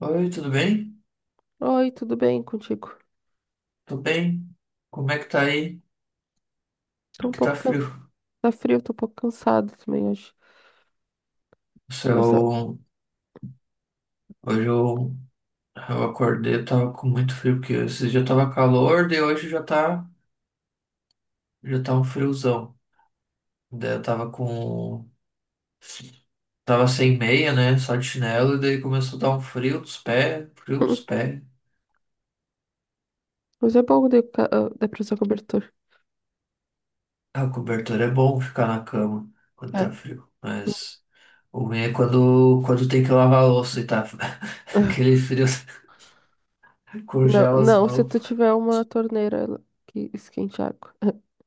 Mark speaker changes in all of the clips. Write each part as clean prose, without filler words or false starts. Speaker 1: Oi, tudo bem?
Speaker 2: Oi, tudo bem contigo?
Speaker 1: Tô bem. Como é que tá aí?
Speaker 2: Tô um
Speaker 1: Que
Speaker 2: pouco.
Speaker 1: tá
Speaker 2: Can-
Speaker 1: frio.
Speaker 2: tá frio, tô um pouco cansado também hoje.
Speaker 1: Se
Speaker 2: Mas
Speaker 1: Eu, hoje eu acordei, eu tava com muito frio, porque esse dia tava calor, daí hoje já já tá um friozão. Daí eu tava com, tava sem meia, né? Só de chinelo, e daí começou a dar um frio dos pés, frio dos
Speaker 2: hum,
Speaker 1: pés.
Speaker 2: mas é bom de, ca- ah, dá pra usar cobertor.
Speaker 1: A cobertura é bom ficar na cama quando
Speaker 2: É.
Speaker 1: tá frio, mas o ruim é quando tem que lavar a louça e tá aquele
Speaker 2: Ah,
Speaker 1: frio
Speaker 2: não,
Speaker 1: congela as
Speaker 2: não, se
Speaker 1: mãos.
Speaker 2: tu tiver uma torneira que esquente água.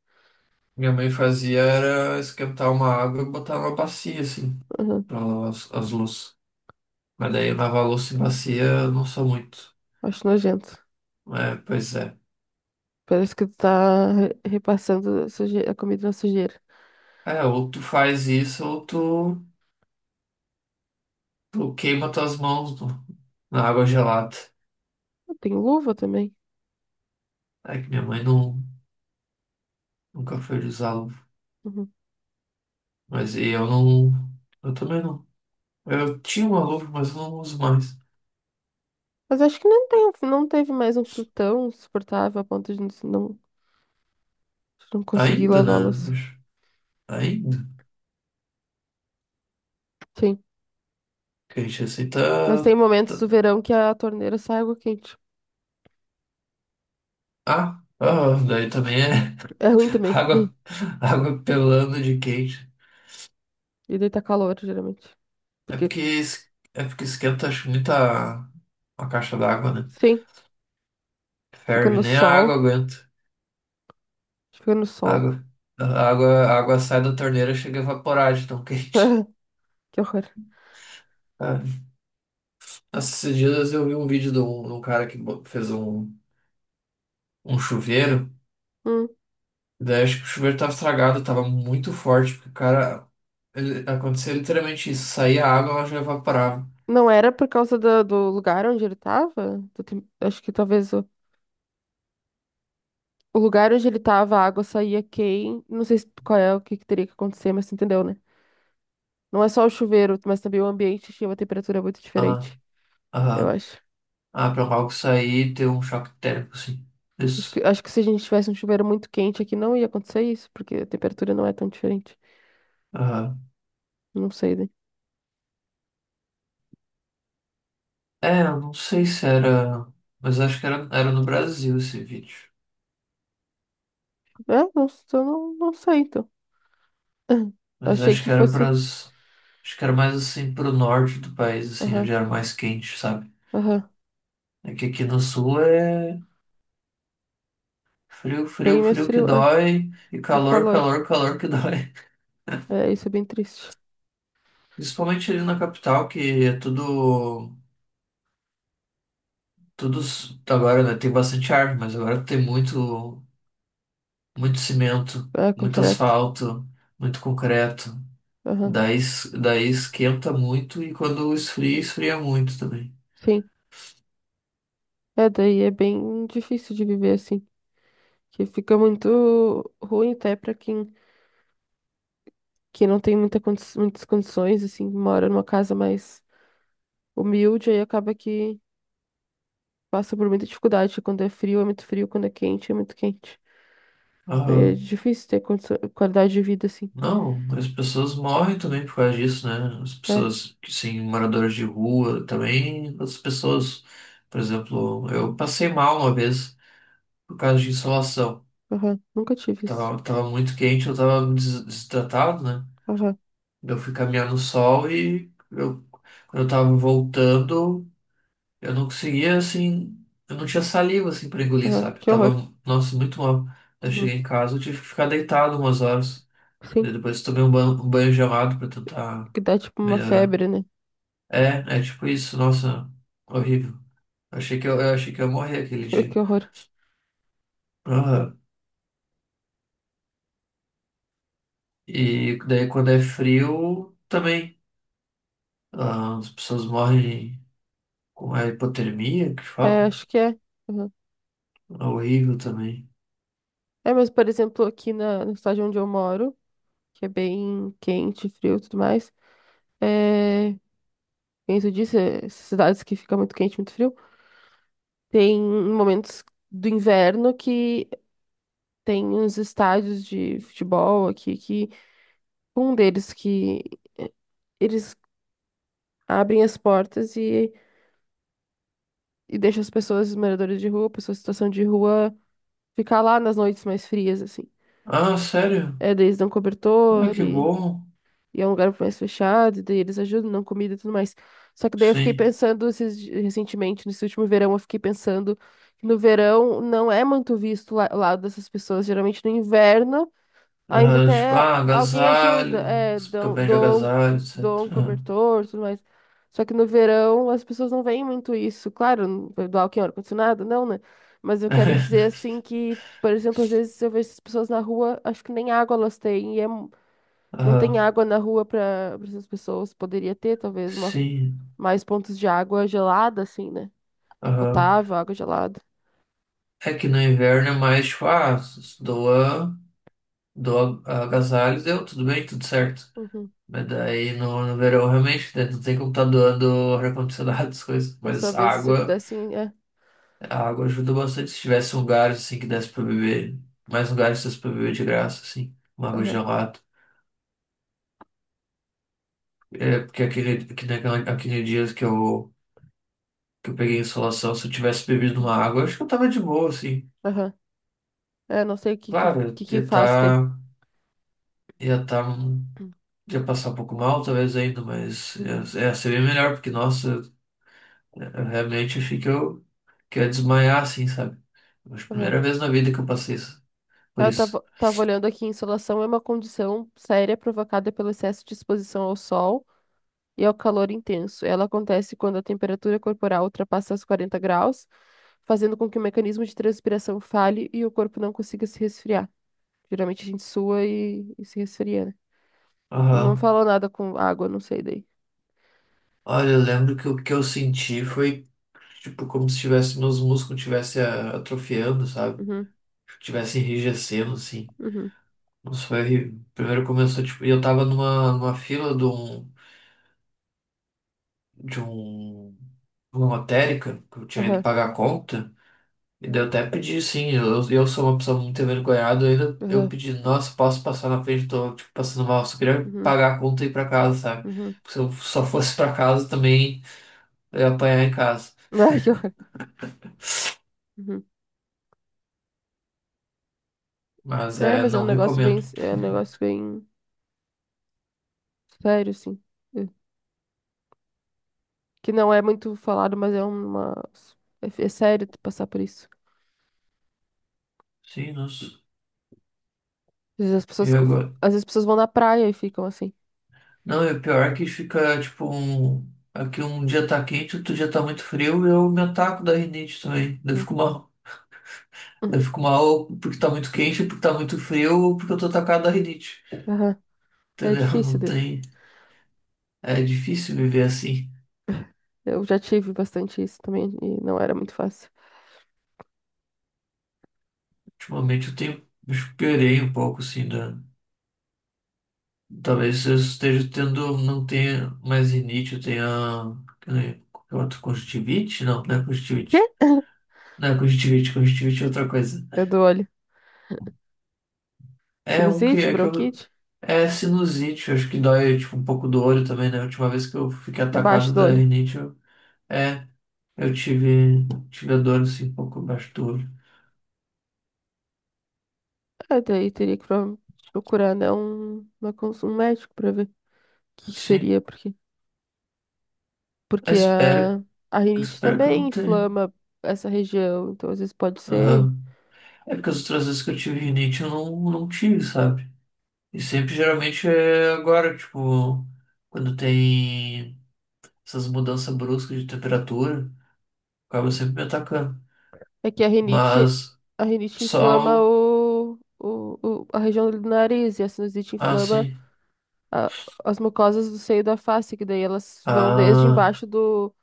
Speaker 1: Minha mãe fazia era esquentar uma água e botar numa bacia, assim,
Speaker 2: Aham.
Speaker 1: pra lavar as louças. Mas daí lavar louça em bacia eu não sou muito.
Speaker 2: Acho nojento.
Speaker 1: É, pois é.
Speaker 2: Parece que tu tá re- repassando a, suje- a comida na sujeira.
Speaker 1: É, ou tu faz isso ou tu queima tuas mãos na água gelada.
Speaker 2: Tem luva também.
Speaker 1: É que minha mãe, nunca foi de usar luva.
Speaker 2: Uhum.
Speaker 1: Mas e eu não. Eu também não. Eu tinha uma luva, mas eu não uso mais.
Speaker 2: Mas acho que não tem, um, não teve mais um frio tão suportável a ponto de não, não conseguir
Speaker 1: Ainda, né?
Speaker 2: lavá-las.
Speaker 1: Ainda.
Speaker 2: Sim.
Speaker 1: Que a gente
Speaker 2: Mas tem
Speaker 1: aceita.
Speaker 2: momentos do verão que a torneira sai água quente.
Speaker 1: Daí também é.
Speaker 2: É ruim também.
Speaker 1: Água, água pelando de quente.
Speaker 2: E daí tá calor, geralmente.
Speaker 1: É
Speaker 2: Porque,
Speaker 1: porque, es- é porque esquenta acho, muito a caixa d'água, né?
Speaker 2: sim, fica
Speaker 1: Ferve,
Speaker 2: no
Speaker 1: nem a água
Speaker 2: sol.
Speaker 1: aguenta.
Speaker 2: Fica no
Speaker 1: A
Speaker 2: sol.
Speaker 1: água, a água sai da torneira e chega a evaporar de tão quente.
Speaker 2: Que horror.
Speaker 1: Ah, Nossa, esses dias eu vi um vídeo de de um cara que fez um chuveiro.
Speaker 2: Hum.
Speaker 1: Daí acho que o chuveiro tava estragado, tava muito forte, porque o cara. Aconteceu literalmente isso. Saía a água, ela já evaporava.
Speaker 2: Não era por causa do, do lugar onde ele tava? Do tem- acho que talvez. O lugar onde ele tava, a água saía quente não sei se- qual é o que que teria que acontecer, mas tu entendeu, né? Não é só o chuveiro, mas também o ambiente tinha uma temperatura muito
Speaker 1: Ah,
Speaker 2: diferente, eu
Speaker 1: ah,
Speaker 2: acho.
Speaker 1: pra algo sair e ter um choque térmico, assim. Isso.
Speaker 2: Acho que se a gente tivesse um chuveiro muito quente aqui, não ia acontecer isso, porque a temperatura não é tão diferente.
Speaker 1: Ah,
Speaker 2: Não sei, né?
Speaker 1: é, eu não sei se era. Mas acho que era no Brasil esse vídeo.
Speaker 2: É, não, s- eu não, não sei, então.
Speaker 1: Mas
Speaker 2: Achei
Speaker 1: acho
Speaker 2: que
Speaker 1: que era
Speaker 2: fosse.
Speaker 1: pras. Acho que era mais assim pro norte do país, assim, onde
Speaker 2: Aham,
Speaker 1: era mais quente, sabe?
Speaker 2: aham.
Speaker 1: É que aqui no sul é frio, frio,
Speaker 2: Bem mais
Speaker 1: frio que
Speaker 2: frio, é.
Speaker 1: dói, e
Speaker 2: E
Speaker 1: calor,
Speaker 2: calor.
Speaker 1: calor, calor que dói.
Speaker 2: É, isso é bem triste.
Speaker 1: Principalmente ali na capital, que é tudo. Agora, né? Tem bastante árvore, mas agora tem muito cimento,
Speaker 2: É,
Speaker 1: muito
Speaker 2: concreto.
Speaker 1: asfalto, muito concreto.
Speaker 2: Aham,
Speaker 1: Daí esquenta muito e quando esfria, esfria muito também.
Speaker 2: sim. É, daí é bem difícil de viver assim. Que fica muito ruim até para quem que não tem muita condi- muitas condições, assim, mora numa casa mais humilde, aí acaba que passa por muita dificuldade. Quando é frio, é muito frio, quando é quente, é muito quente. Né? É
Speaker 1: Aham.
Speaker 2: difícil ter condição, qualidade de vida, assim.
Speaker 1: Não, as pessoas morrem também por causa disso, né? As
Speaker 2: É,
Speaker 1: pessoas, que sim, moradores de rua também, as pessoas, por exemplo, eu passei mal uma vez por causa de insolação.
Speaker 2: aham, nunca tive isso.
Speaker 1: Tava muito quente, eu tava desidratado, né?
Speaker 2: Aham,
Speaker 1: Eu fui caminhar no sol e quando eu tava voltando. Eu não conseguia, assim, eu não tinha saliva, assim, pra engolir,
Speaker 2: aham,
Speaker 1: sabe? Eu
Speaker 2: que horror.
Speaker 1: tava, nossa, muito mal. Eu
Speaker 2: Uhum.
Speaker 1: cheguei em casa, eu tive que ficar deitado umas horas. Daí
Speaker 2: Sim,
Speaker 1: depois tomei um banho gelado pra tentar
Speaker 2: que dá tipo uma
Speaker 1: melhorar.
Speaker 2: febre, né?
Speaker 1: É, é tipo isso, nossa, horrível. Eu achei que eu achei que eu ia morrer aquele dia.
Speaker 2: Que horror.
Speaker 1: Aham. E daí quando é frio, também. Ah, as pessoas morrem com a hipotermia, que
Speaker 2: É,
Speaker 1: falam.
Speaker 2: acho que é. Aham.
Speaker 1: É horrível também.
Speaker 2: É, mas, por exemplo, aqui na, na cidade onde eu moro, que é bem quente, frio e tudo mais, é, isso disse, cidades que fica muito quente, muito frio. Tem momentos do inverno que tem uns estádios de futebol aqui que um deles que eh, eles abrem as portas e deixam as pessoas, os moradores de rua, pessoas em situação de rua, ficar lá nas noites mais frias, assim.
Speaker 1: Ah, sério?
Speaker 2: É, daí eles dão
Speaker 1: Ah,
Speaker 2: cobertor.
Speaker 1: que
Speaker 2: e
Speaker 1: bom.
Speaker 2: E é um lugar mais fechado, daí eles ajudam, não comida e tudo mais. Só que daí eu fiquei
Speaker 1: Sim.
Speaker 2: pensando esses di- recentemente, nesse último verão, eu fiquei pensando que no verão não é muito visto lá- o lado dessas pessoas. Geralmente no inverno ainda
Speaker 1: Ah,
Speaker 2: até
Speaker 1: tipo, ah,
Speaker 2: a- alguém ajuda,
Speaker 1: agasalho,
Speaker 2: é,
Speaker 1: você fica
Speaker 2: dão,
Speaker 1: bem de
Speaker 2: dão,
Speaker 1: agasalho,
Speaker 2: dão um
Speaker 1: etc.
Speaker 2: cobertor, tudo mais. Só que no verão as pessoas não veem muito isso. Claro, não vai doar o que é ar-condicionado, não, né? Mas eu quero
Speaker 1: Ah,
Speaker 2: dizer assim que, por exemplo, às vezes eu vejo essas pessoas na rua, acho que nem água elas têm, e é não tem
Speaker 1: aham,
Speaker 2: água na rua para essas pessoas. Poderia ter, talvez, uma,
Speaker 1: sim,
Speaker 2: mais pontos de água gelada, assim, né?
Speaker 1: aham.
Speaker 2: Potável, água gelada.
Speaker 1: É que no inverno é mais, tipo, ah, doa, doa agasalho, deu, tudo bem, tudo certo.
Speaker 2: Uhum.
Speaker 1: Mas daí no verão, realmente, né, não tem como tá doando ar-condicionado, essas coisas.
Speaker 2: Mas
Speaker 1: Mas
Speaker 2: talvez se pudessem. É,
Speaker 1: a água ajuda bastante. Se tivesse um lugar, assim, que desse pra beber, mais lugares que desse pra beber de graça, assim, uma água
Speaker 2: aham,
Speaker 1: gelada. É, porque aquele dia que eu peguei em insolação, se eu tivesse bebido uma água, eu acho que eu tava de boa, assim.
Speaker 2: aham. É, não sei o que,
Speaker 1: Claro, eu
Speaker 2: que
Speaker 1: ia
Speaker 2: faz ter.
Speaker 1: tá, ia tá, ia passar um pouco mal, talvez ainda, mas
Speaker 2: Hum,
Speaker 1: ia, ia ser bem melhor, porque, nossa, eu realmente achei que que eu ia desmaiar, assim, sabe? Acho que a
Speaker 2: aham.
Speaker 1: primeira vez na vida que eu passei
Speaker 2: É,
Speaker 1: por
Speaker 2: eu
Speaker 1: isso.
Speaker 2: tava, tava olhando aqui, insolação é uma condição séria provocada pelo excesso de exposição ao sol e ao calor intenso. Ela acontece quando a temperatura corporal ultrapassa os 40 graus, fazendo com que o mecanismo de transpiração falhe e o corpo não consiga se resfriar. Geralmente a gente sua e se resfria, né? Não
Speaker 1: Aham.
Speaker 2: falou nada com água, não sei daí.
Speaker 1: Olha, eu lembro que o que eu senti foi, tipo, como se tivesse, meus músculos estivessem atrofiando, sabe?
Speaker 2: Uhum,
Speaker 1: Tivesse enrijecendo, assim.
Speaker 2: uhum,
Speaker 1: Nossa, foi horrível. Primeiro começou, tipo, e eu tava numa, numa fila de um de um de uma lotérica que eu tinha ido
Speaker 2: aham,
Speaker 1: pagar a conta. E daí eu até pedi, sim, eu sou uma pessoa muito envergonhada, eu ainda eu
Speaker 2: aham,
Speaker 1: pedi, nossa, posso passar na frente, tô tipo, passando mal, só queria
Speaker 2: uhum,
Speaker 1: pagar a conta e ir pra casa, sabe?
Speaker 2: uhum.
Speaker 1: Porque se eu só fosse pra casa também eu ia apanhar em casa.
Speaker 2: Ai, que horror. Uhum.
Speaker 1: Mas
Speaker 2: É,
Speaker 1: é,
Speaker 2: mas é um
Speaker 1: não
Speaker 2: negócio bem,
Speaker 1: recomendo.
Speaker 2: é um negócio bem sério, assim. É. Que não é muito falado, mas é uma... É, é sério tu passar por isso.
Speaker 1: Sim, nossa.
Speaker 2: Às vezes as
Speaker 1: E
Speaker 2: pessoas, co-
Speaker 1: agora?
Speaker 2: às vezes as pessoas vão na praia e ficam assim.
Speaker 1: Não, e o pior é que fica tipo um. Aqui um dia tá quente, outro dia tá muito frio, eu me ataco da rinite também. Daí Eu
Speaker 2: Hum,
Speaker 1: fico uma
Speaker 2: hum,
Speaker 1: eu fico mal porque tá muito quente, porque tá muito frio, ou porque eu tô atacado da rinite.
Speaker 2: aham. É
Speaker 1: Entendeu?
Speaker 2: difícil
Speaker 1: Não
Speaker 2: daí.
Speaker 1: tem. É difícil viver assim.
Speaker 2: Eu já tive bastante isso também e não era muito fácil.
Speaker 1: Ultimamente eu tenho. Eu Esperei um pouco, assim, da. Talvez eu esteja tendo. Não tenha mais rinite, eu tenha. Que outro? Conjuntivite? Não, não é
Speaker 2: Quê?
Speaker 1: conjuntivite. Não é conjuntivite, conjuntivite é outra coisa.
Speaker 2: É do olho.
Speaker 1: É um que
Speaker 2: Sinusite,
Speaker 1: é que eu.
Speaker 2: bronquite?
Speaker 1: É sinusite, eu acho que dói, tipo, um pouco do olho também, né? A última vez que eu fiquei
Speaker 2: É embaixo
Speaker 1: atacado
Speaker 2: do
Speaker 1: da
Speaker 2: olho.
Speaker 1: rinite, eu. É. Tive a dor assim, um pouco abaixo do olho.
Speaker 2: É, daí teria que pro- procurar, né, um, uma cons- um médico pra ver o que que
Speaker 1: Sim,
Speaker 2: seria, porque,
Speaker 1: eu
Speaker 2: porque
Speaker 1: espero,
Speaker 2: a
Speaker 1: eu
Speaker 2: rinite
Speaker 1: espero que eu não
Speaker 2: também
Speaker 1: tenha.
Speaker 2: inflama essa região, então às vezes pode ser.
Speaker 1: Aham. É porque as outras vezes que eu tive rinite eu não tive, sabe? E sempre geralmente é agora, tipo, quando tem essas mudanças bruscas de temperatura, acaba sempre me atacando.
Speaker 2: É que
Speaker 1: Mas
Speaker 2: a rinite inflama
Speaker 1: sol,
Speaker 2: o- a região do nariz, e a sinusite
Speaker 1: ah,
Speaker 2: inflama
Speaker 1: sim.
Speaker 2: a- as mucosas do seio da face, que daí elas vão desde
Speaker 1: Ah,
Speaker 2: embaixo do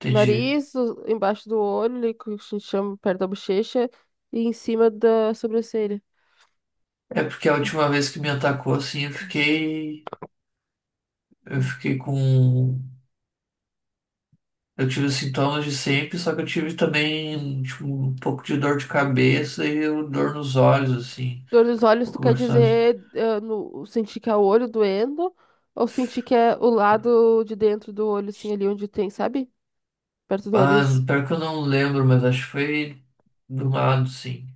Speaker 1: entendi.
Speaker 2: nariz, o- embaixo do olho, ali, que a gente chama perto da bochecha, e em cima da sobrancelha.
Speaker 1: É porque a última vez que me atacou assim, eu fiquei com eu tive os sintomas de sempre, só que eu tive também, tipo, um pouco de dor de cabeça e dor nos olhos, assim.
Speaker 2: Dor nos
Speaker 1: Um
Speaker 2: olhos, tu
Speaker 1: pouco
Speaker 2: quer
Speaker 1: nos olhos.
Speaker 2: dizer no, sentir que é o olho doendo ou sentir que é o lado de dentro do olho, assim, ali onde tem, sabe? Perto do
Speaker 1: Ah,
Speaker 2: nariz.
Speaker 1: pior que eu não lembro, mas acho que foi do lado, sim.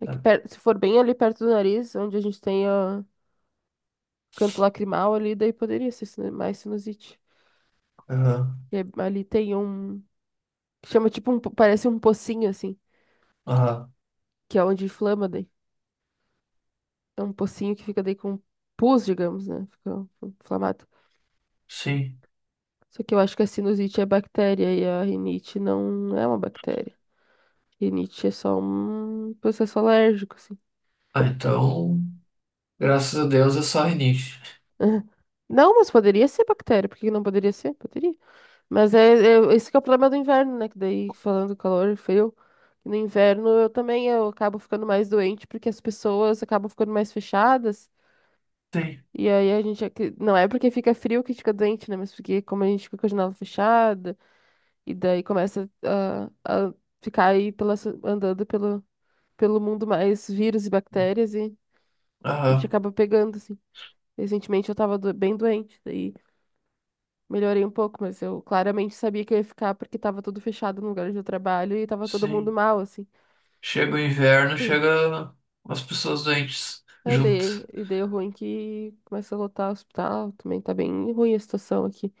Speaker 2: Aqui
Speaker 1: Sabe?
Speaker 2: per- se for bem ali perto do nariz, onde a gente tem o canto lacrimal ali, daí poderia ser sinu- mais sinusite.
Speaker 1: Aham,
Speaker 2: E é- ali tem um, que chama tipo um, po- parece um pocinho, assim,
Speaker 1: aham,
Speaker 2: que é onde inflama daí. É um pocinho que fica daí com pus, digamos, né? Fica inflamado.
Speaker 1: sim.
Speaker 2: Só que eu acho que a sinusite é bactéria e a rinite não é uma bactéria. Rinite é só um processo alérgico, assim.
Speaker 1: Ah, então, graças a Deus é só rinite.
Speaker 2: Não, mas poderia ser bactéria. Por que que não poderia ser? Poderia. Mas é, é- esse que é o problema do inverno, né? Que daí, falando do calor frio, no inverno eu também eu acabo ficando mais doente porque as pessoas acabam ficando mais fechadas.
Speaker 1: Sim,
Speaker 2: E aí a gente... é que- não é porque fica frio que a gente fica doente, né? Mas porque como a gente fica com a janela fechada, e daí começa a ficar aí pela, so- andando pelo, pelo mundo mais vírus e bactérias e a gente
Speaker 1: aham,
Speaker 2: acaba pegando, assim. Recentemente eu tava do- bem doente, daí melhorei um pouco, mas eu claramente sabia que eu ia ficar porque tava tudo fechado no lugar onde eu trabalho e tava todo mundo
Speaker 1: sim.
Speaker 2: mal, assim.
Speaker 1: Chega o inverno,
Speaker 2: Hum.
Speaker 1: chega as pessoas doentes
Speaker 2: Aí dei,
Speaker 1: junto.
Speaker 2: e dei o ruim que começa a lotar o hospital, também tá bem ruim a situação aqui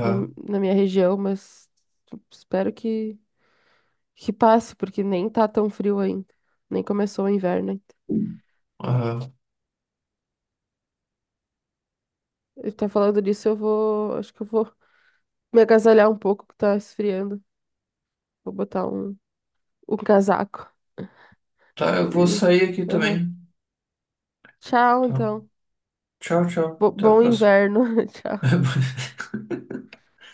Speaker 2: na, na minha região, mas espero que passe, porque nem tá tão frio ainda, nem começou o inverno ainda.
Speaker 1: aham.
Speaker 2: Eu tá falando disso, eu vou, acho que eu vou me agasalhar um pouco que tá esfriando, vou botar um, um casaco.
Speaker 1: Tá, eu vou
Speaker 2: E-
Speaker 1: sair aqui
Speaker 2: aham.
Speaker 1: também.
Speaker 2: Tchau,
Speaker 1: Tá.
Speaker 2: então.
Speaker 1: Tchau, tchau.
Speaker 2: Bo-
Speaker 1: Até a
Speaker 2: bom
Speaker 1: próxima.
Speaker 2: inverno. Tchau.
Speaker 1: Uhum.